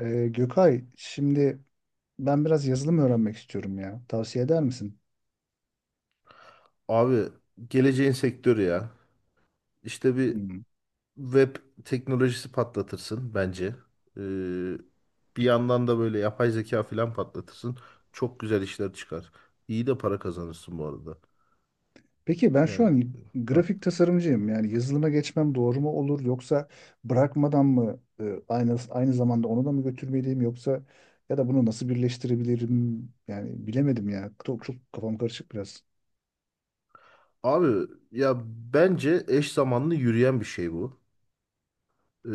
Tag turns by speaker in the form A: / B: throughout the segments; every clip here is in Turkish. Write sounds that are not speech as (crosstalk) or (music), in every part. A: Gökay, şimdi ben biraz yazılım öğrenmek istiyorum ya. Tavsiye eder misin?
B: Abi geleceğin sektörü ya. İşte bir
A: Hmm.
B: web teknolojisi patlatırsın bence. Ee, Bir yandan da böyle yapay zeka falan patlatırsın. Çok güzel işler çıkar. İyi de para kazanırsın bu arada.
A: Peki ben şu
B: Yani
A: an
B: heh.
A: grafik tasarımcıyım. Yani yazılıma geçmem doğru mu olur yoksa bırakmadan mı aynı zamanda onu da mı götürmeliyim yoksa ya da bunu nasıl birleştirebilirim? Yani bilemedim ya. Çok kafam karışık biraz.
B: Abi ya bence eş zamanlı yürüyen bir şey bu. Ee,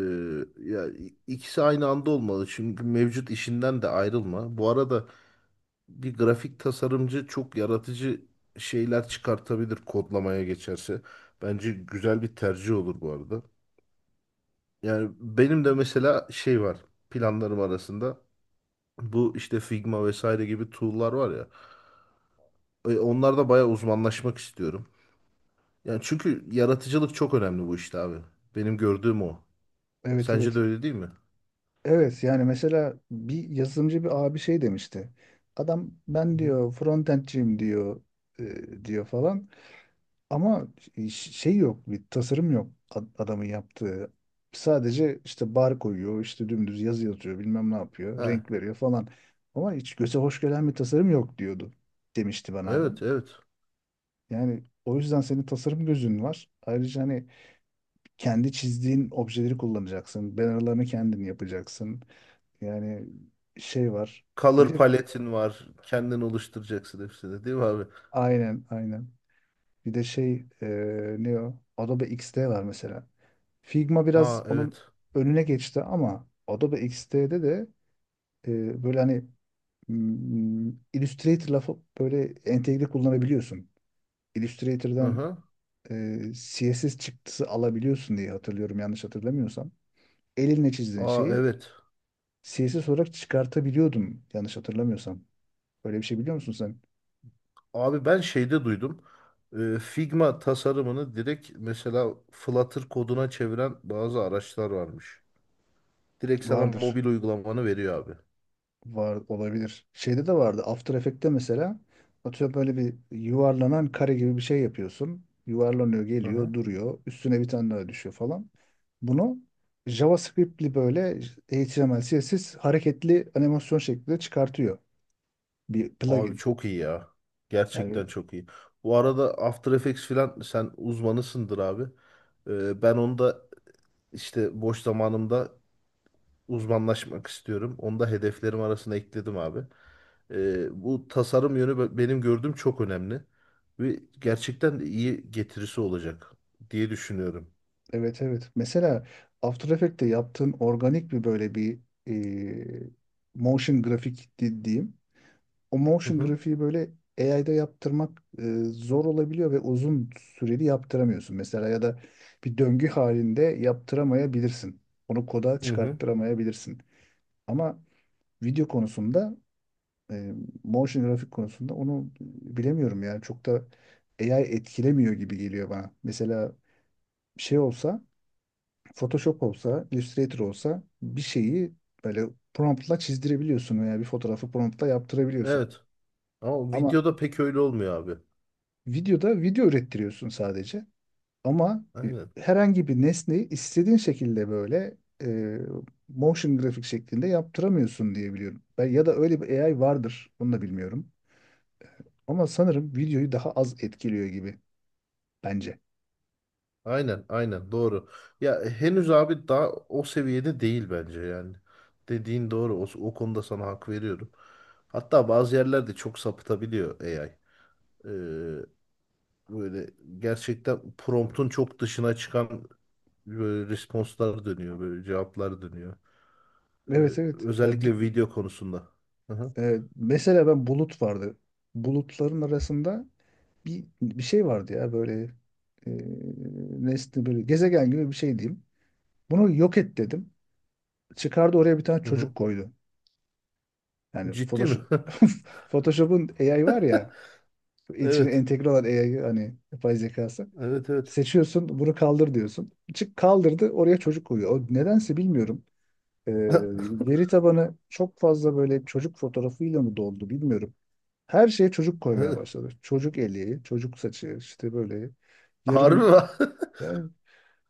B: ya ikisi aynı anda olmalı. Çünkü mevcut işinden de ayrılma. Bu arada bir grafik tasarımcı çok yaratıcı şeyler çıkartabilir kodlamaya geçerse. Bence güzel bir tercih olur bu arada. Yani benim de mesela şey var planlarım arasında. Bu işte Figma vesaire gibi tool'lar var ya. Onlarda bayağı uzmanlaşmak istiyorum. Yani çünkü yaratıcılık çok önemli bu işte abi. Benim gördüğüm o.
A: Evet,
B: Sence de
A: evet.
B: öyle değil mi?
A: Evet, yani mesela bir yazılımcı bir abi şey demişti. Adam
B: Hı
A: ben
B: hı.
A: diyor frontendciyim diyor diyor falan. Ama şey yok, bir tasarım yok adamın yaptığı. Sadece işte bar koyuyor, işte dümdüz yazı yazıyor, bilmem ne yapıyor,
B: He,
A: renk veriyor falan. Ama hiç göze hoş gelen bir tasarım yok diyordu, demişti bana adam.
B: evet, evet.
A: Yani o yüzden senin tasarım gözün var. Ayrıca hani kendi çizdiğin objeleri kullanacaksın. Bannerlarını kendin yapacaksın. Yani şey var. Bir
B: Color
A: de
B: paletin var. Kendin oluşturacaksın hepsini, değil mi abi?
A: aynen, aynen. Bir de şey ne o? Adobe XD var mesela. Figma biraz
B: Aa,
A: onun
B: evet.
A: önüne geçti ama Adobe XD'de de böyle hani Illustrator lafı böyle entegre kullanabiliyorsun.
B: Hı
A: Illustrator'dan
B: hı.
A: CSS çıktısı alabiliyorsun diye hatırlıyorum yanlış hatırlamıyorsam. Elinle çizdiğin
B: Aa,
A: şeyi
B: evet.
A: CSS olarak çıkartabiliyordum yanlış hatırlamıyorsam. Böyle bir şey biliyor musun sen?
B: Abi ben şeyde duydum. Figma tasarımını direkt mesela Flutter koduna çeviren bazı araçlar varmış. Direkt sana
A: Vardır.
B: mobil uygulamanı veriyor abi.
A: Var olabilir. Şeyde de vardı. After Effects'te mesela atıyorum böyle bir yuvarlanan kare gibi bir şey yapıyorsun. Yuvarlanıyor,
B: Hı hı.
A: geliyor, duruyor. Üstüne bir tane daha düşüyor falan. Bunu JavaScript'li böyle HTML, CSS hareketli animasyon şeklinde çıkartıyor. Bir
B: Abi
A: plugin.
B: çok iyi ya.
A: Yani
B: Gerçekten çok iyi. Bu arada After Effects filan sen uzmanısındır abi. Ben onu da işte boş zamanımda uzmanlaşmak istiyorum. Onu da hedeflerim arasına ekledim abi. Bu tasarım yönü benim gördüğüm çok önemli ve gerçekten de iyi getirisi olacak diye düşünüyorum.
A: evet, evet. Mesela After Effects'te yaptığın organik bir böyle bir e, motion grafik dediğim o
B: Hı
A: motion
B: hı.
A: grafiği böyle AI'da yaptırmak zor olabiliyor ve uzun süreli yaptıramıyorsun. Mesela ya da bir döngü halinde yaptıramayabilirsin. Onu koda
B: Hı hı.
A: çıkarttıramayabilirsin. Ama video konusunda e, motion grafik konusunda onu bilemiyorum yani çok da AI etkilemiyor gibi geliyor bana. Mesela şey olsa Photoshop olsa, Illustrator olsa bir şeyi böyle promptla çizdirebiliyorsun veya bir fotoğrafı promptla yaptırabiliyorsun.
B: Evet. Ama
A: Ama
B: videoda pek öyle olmuyor abi.
A: videoda video ürettiriyorsun sadece. Ama
B: Aynen.
A: herhangi bir nesneyi istediğin şekilde böyle e, motion grafik şeklinde yaptıramıyorsun diye biliyorum. Ben, ya da öyle bir AI vardır. Onu da bilmiyorum. Ama sanırım videoyu daha az etkiliyor gibi bence.
B: Aynen, aynen doğru. Ya henüz abi daha o seviyede değil bence yani. Dediğin doğru. O konuda sana hak veriyorum. Hatta bazı yerlerde çok sapıtabiliyor AI. Böyle gerçekten promptun çok dışına çıkan böyle responslar dönüyor, böyle cevaplar dönüyor.
A: Evet, evet.
B: Özellikle video konusunda. Hı hı.
A: Mesela ben bulut vardı. Bulutların arasında bir şey vardı ya böyle e, nesne böyle gezegen gibi bir şey diyeyim. Bunu yok et dedim. Çıkardı oraya bir tane
B: Hı hı.
A: çocuk koydu. Yani
B: Ciddi mi?
A: Photoshop,
B: (laughs)
A: (laughs) Photoshop'un AI var ya, içine
B: Evet.
A: entegre olan AI hani yapay zekası.
B: Evet, evet.
A: Seçiyorsun, bunu kaldır diyorsun. Çık kaldırdı, oraya çocuk koyuyor. O nedense bilmiyorum. Ee, veri tabanı çok fazla böyle çocuk fotoğrafıyla mı doldu bilmiyorum. Her şeye çocuk koymaya
B: (laughs)
A: başladı. Çocuk eli, çocuk saçı, işte böyle
B: Harbi
A: yarım
B: mi? (laughs)
A: yani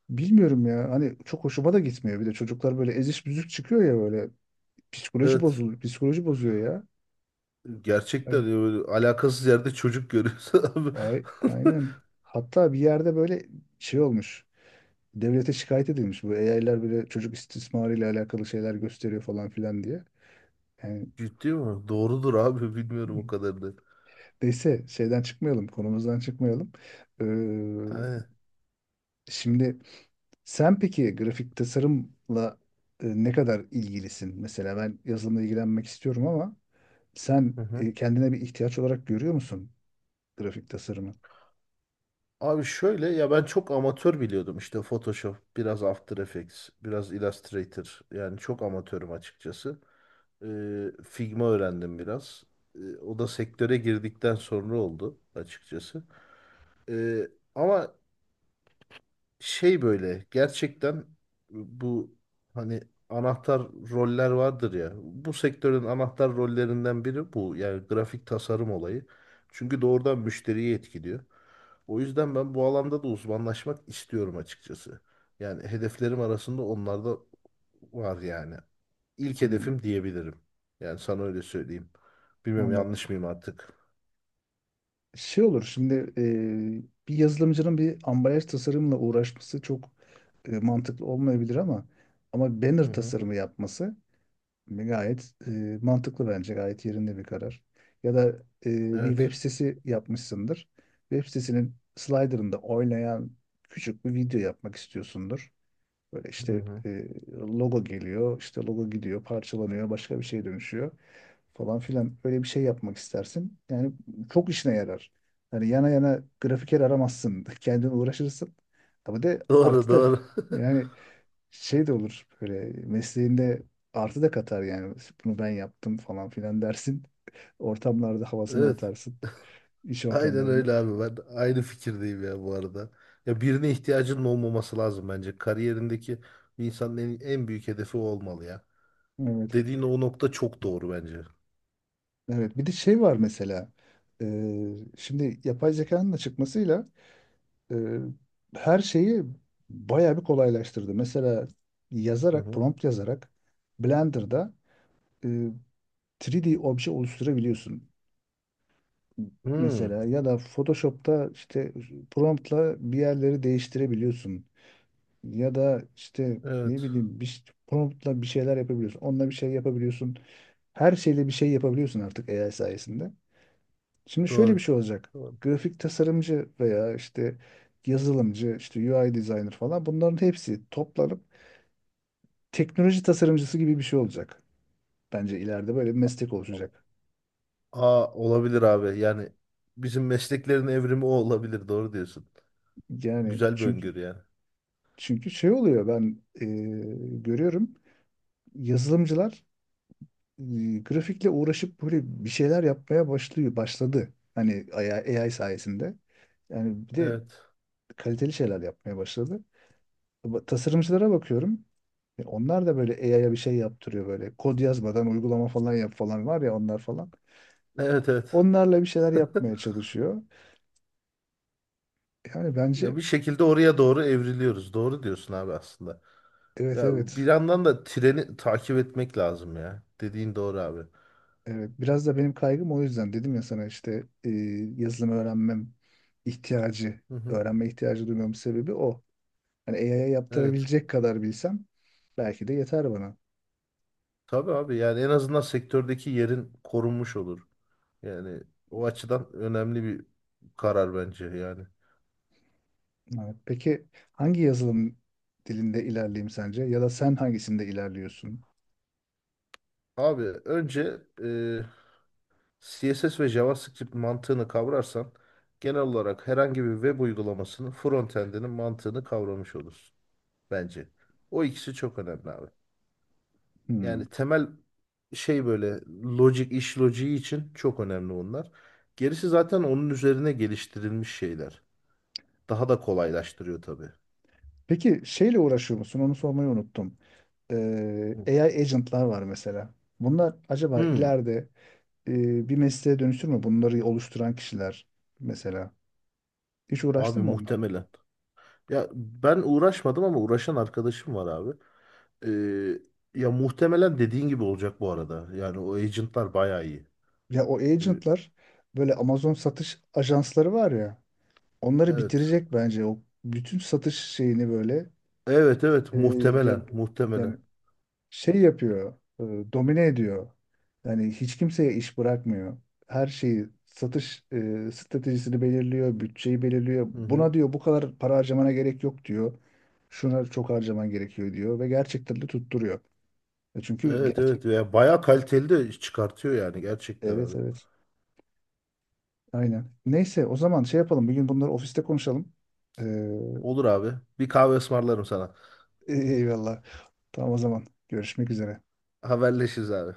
A: bilmiyorum ya. Hani çok hoşuma da gitmiyor. Bir de çocuklar böyle eziş büzük çıkıyor ya böyle. Psikoloji
B: Evet.
A: bozuluyor, psikoloji bozuyor ya.
B: Gerçekten
A: Hani
B: ya böyle alakasız yerde çocuk görüyorsun abi.
A: Ay,
B: (laughs)
A: aynen. Hatta bir yerde böyle şey olmuş. Devlete şikayet edilmiş. Bu AI'ler böyle çocuk istismarıyla alakalı şeyler gösteriyor falan filan diye. Yani
B: Ciddi mi? Doğrudur abi. Bilmiyorum o kadar da.
A: (laughs) neyse şeyden çıkmayalım, konumuzdan çıkmayalım. Ee,
B: Aynen.
A: şimdi sen peki grafik tasarımla ne kadar ilgilisin? Mesela ben yazılımla ilgilenmek istiyorum ama
B: Hı
A: sen
B: hı.
A: kendine bir ihtiyaç olarak görüyor musun grafik tasarımı?
B: Abi şöyle ya ben çok amatör biliyordum işte Photoshop, biraz After Effects, biraz Illustrator. Yani çok amatörüm açıkçası. Figma öğrendim biraz. O da sektöre girdikten sonra oldu açıkçası. Ee, Ama şey böyle gerçekten bu hani anahtar roller vardır ya. Bu sektörün anahtar rollerinden biri bu. Yani grafik tasarım olayı. Çünkü doğrudan müşteriyi etkiliyor. O yüzden ben bu alanda da uzmanlaşmak istiyorum açıkçası. Yani hedeflerim arasında onlar da var yani. İlk
A: Hmm,
B: hedefim diyebilirim. Yani sana öyle söyleyeyim. Bilmiyorum
A: anladım.
B: yanlış mıyım artık.
A: Şey olur şimdi bir yazılımcının bir ambalaj tasarımla uğraşması çok mantıklı olmayabilir ama
B: Hı
A: banner
B: hı.
A: tasarımı yapması gayet mantıklı, bence gayet yerinde bir karar. Ya da bir web
B: Evet.
A: sitesi yapmışsındır. Web sitesinin slider'ında oynayan küçük bir video yapmak istiyorsundur. Böyle
B: Hı
A: işte
B: hı.
A: logo geliyor, işte logo gidiyor, parçalanıyor, başka bir şeye dönüşüyor falan filan. Öyle bir şey yapmak istersin. Yani çok işine yarar. Yani yana yana grafiker aramazsın. (laughs) Kendin uğraşırsın. Ama de
B: Doğru,
A: artı da
B: doğru. (laughs)
A: yani şey de olur böyle mesleğinde artı da katar yani. Bunu ben yaptım falan filan dersin. (laughs) Ortamlarda havasını
B: Evet.
A: atarsın. İş
B: Aynen öyle
A: ortamlarında.
B: abi. Ben de aynı fikirdeyim ya bu arada. Ya birine ihtiyacının olmaması lazım bence. Kariyerindeki bir insanın en büyük hedefi o olmalı ya.
A: Evet.
B: Dediğin o nokta çok doğru bence.
A: Evet. Bir de şey var mesela. Şimdi yapay zekanın da çıkmasıyla e, her şeyi bayağı bir kolaylaştırdı. Mesela
B: Hı
A: yazarak,
B: hı.
A: prompt yazarak Blender'da e, 3D obje oluşturabiliyorsun.
B: Hmm.
A: Mesela ya da Photoshop'ta işte promptla bir yerleri değiştirebiliyorsun. Ya da işte ne
B: Evet.
A: bileyim bir promptla bir şeyler yapabiliyorsun. Onunla bir şey yapabiliyorsun. Her şeyle bir şey yapabiliyorsun artık AI sayesinde. Şimdi şöyle bir
B: Doğru.
A: şey olacak.
B: Doğru.
A: Grafik tasarımcı veya işte yazılımcı, işte UI designer falan bunların hepsi toplanıp teknoloji tasarımcısı gibi bir şey olacak. Bence ileride böyle bir meslek
B: Evet.
A: oluşacak.
B: Aa, olabilir abi. Yani bizim mesleklerin evrimi o olabilir. Doğru diyorsun.
A: Yani
B: Güzel bir
A: çünkü
B: öngörü yani.
A: çünkü şey oluyor ben görüyorum yazılımcılar e, grafikle uğraşıp böyle bir şeyler yapmaya başlıyor, başladı. Hani AI sayesinde. Yani bir de
B: Evet.
A: kaliteli şeyler yapmaya başladı. Ama tasarımcılara bakıyorum. E, onlar da böyle AI'ya bir şey yaptırıyor böyle. Kod yazmadan uygulama falan yap falan var ya onlar falan.
B: Evet, evet.
A: Onlarla bir şeyler yapmaya çalışıyor. Yani
B: Ya
A: bence
B: bir şekilde oraya doğru evriliyoruz. Doğru diyorsun abi aslında.
A: evet,
B: Ya bir
A: evet.
B: yandan da treni takip etmek lazım ya. Dediğin doğru abi.
A: Evet, biraz da benim kaygım o yüzden dedim ya sana işte yazılım öğrenmem ihtiyacı,
B: Hı hı.
A: öğrenme ihtiyacı duymamın sebebi o. Hani AI'ya
B: Evet.
A: yaptırabilecek kadar bilsem belki de yeter bana.
B: Tabii abi yani en azından sektördeki yerin korunmuş olur. Yani o açıdan önemli bir karar bence yani.
A: Evet. Peki hangi yazılım dilinde ilerleyeyim sence ya da sen hangisinde ilerliyorsun?
B: Abi önce CSS ve JavaScript mantığını kavrarsan genel olarak herhangi bir web uygulamasının frontend'inin mantığını kavramış olursun bence. O ikisi çok önemli abi.
A: Hmm.
B: Yani temel şey böyle logic iş logiği için çok önemli onlar. Gerisi zaten onun üzerine geliştirilmiş şeyler. Daha da kolaylaştırıyor tabii.
A: Peki şeyle uğraşıyor musun? Onu sormayı unuttum.
B: Hı.
A: AI agentlar var mesela. Bunlar acaba
B: Hmm,
A: ileride bir mesleğe dönüşür mü? Bunları oluşturan kişiler mesela. Hiç
B: abi
A: uğraştın mı onlarla?
B: muhtemelen. Ya ben uğraşmadım ama uğraşan arkadaşım var abi. Ee, Ya muhtemelen dediğin gibi olacak bu arada. Yani o agentlar bayağı iyi.
A: Ya o
B: Ee,
A: agentlar böyle Amazon satış ajansları var ya. Onları
B: Evet.
A: bitirecek bence o bütün satış şeyini böyle.
B: Evet, evet,
A: E, yani
B: muhtemelen,
A: yani
B: muhtemelen.
A: şey yapıyor, e, domine ediyor. Yani hiç kimseye iş bırakmıyor. Her şeyi satış stratejisini belirliyor, bütçeyi belirliyor.
B: Hı hı.
A: Buna diyor bu kadar para harcamana gerek yok diyor. Şuna çok harcaman gerekiyor diyor ve gerçekten de tutturuyor. E, çünkü
B: Evet,
A: gerçek.
B: evet ya bayağı kaliteli de iş çıkartıyor yani gerçekten
A: Evet,
B: abi.
A: evet. Aynen. Neyse o zaman şey yapalım. Bir gün bunları ofiste konuşalım. Ee,
B: Olur abi. Bir kahve ısmarlarım sana.
A: (laughs) eyvallah. Tamam o zaman. Görüşmek üzere.
B: Haberleşiriz abi.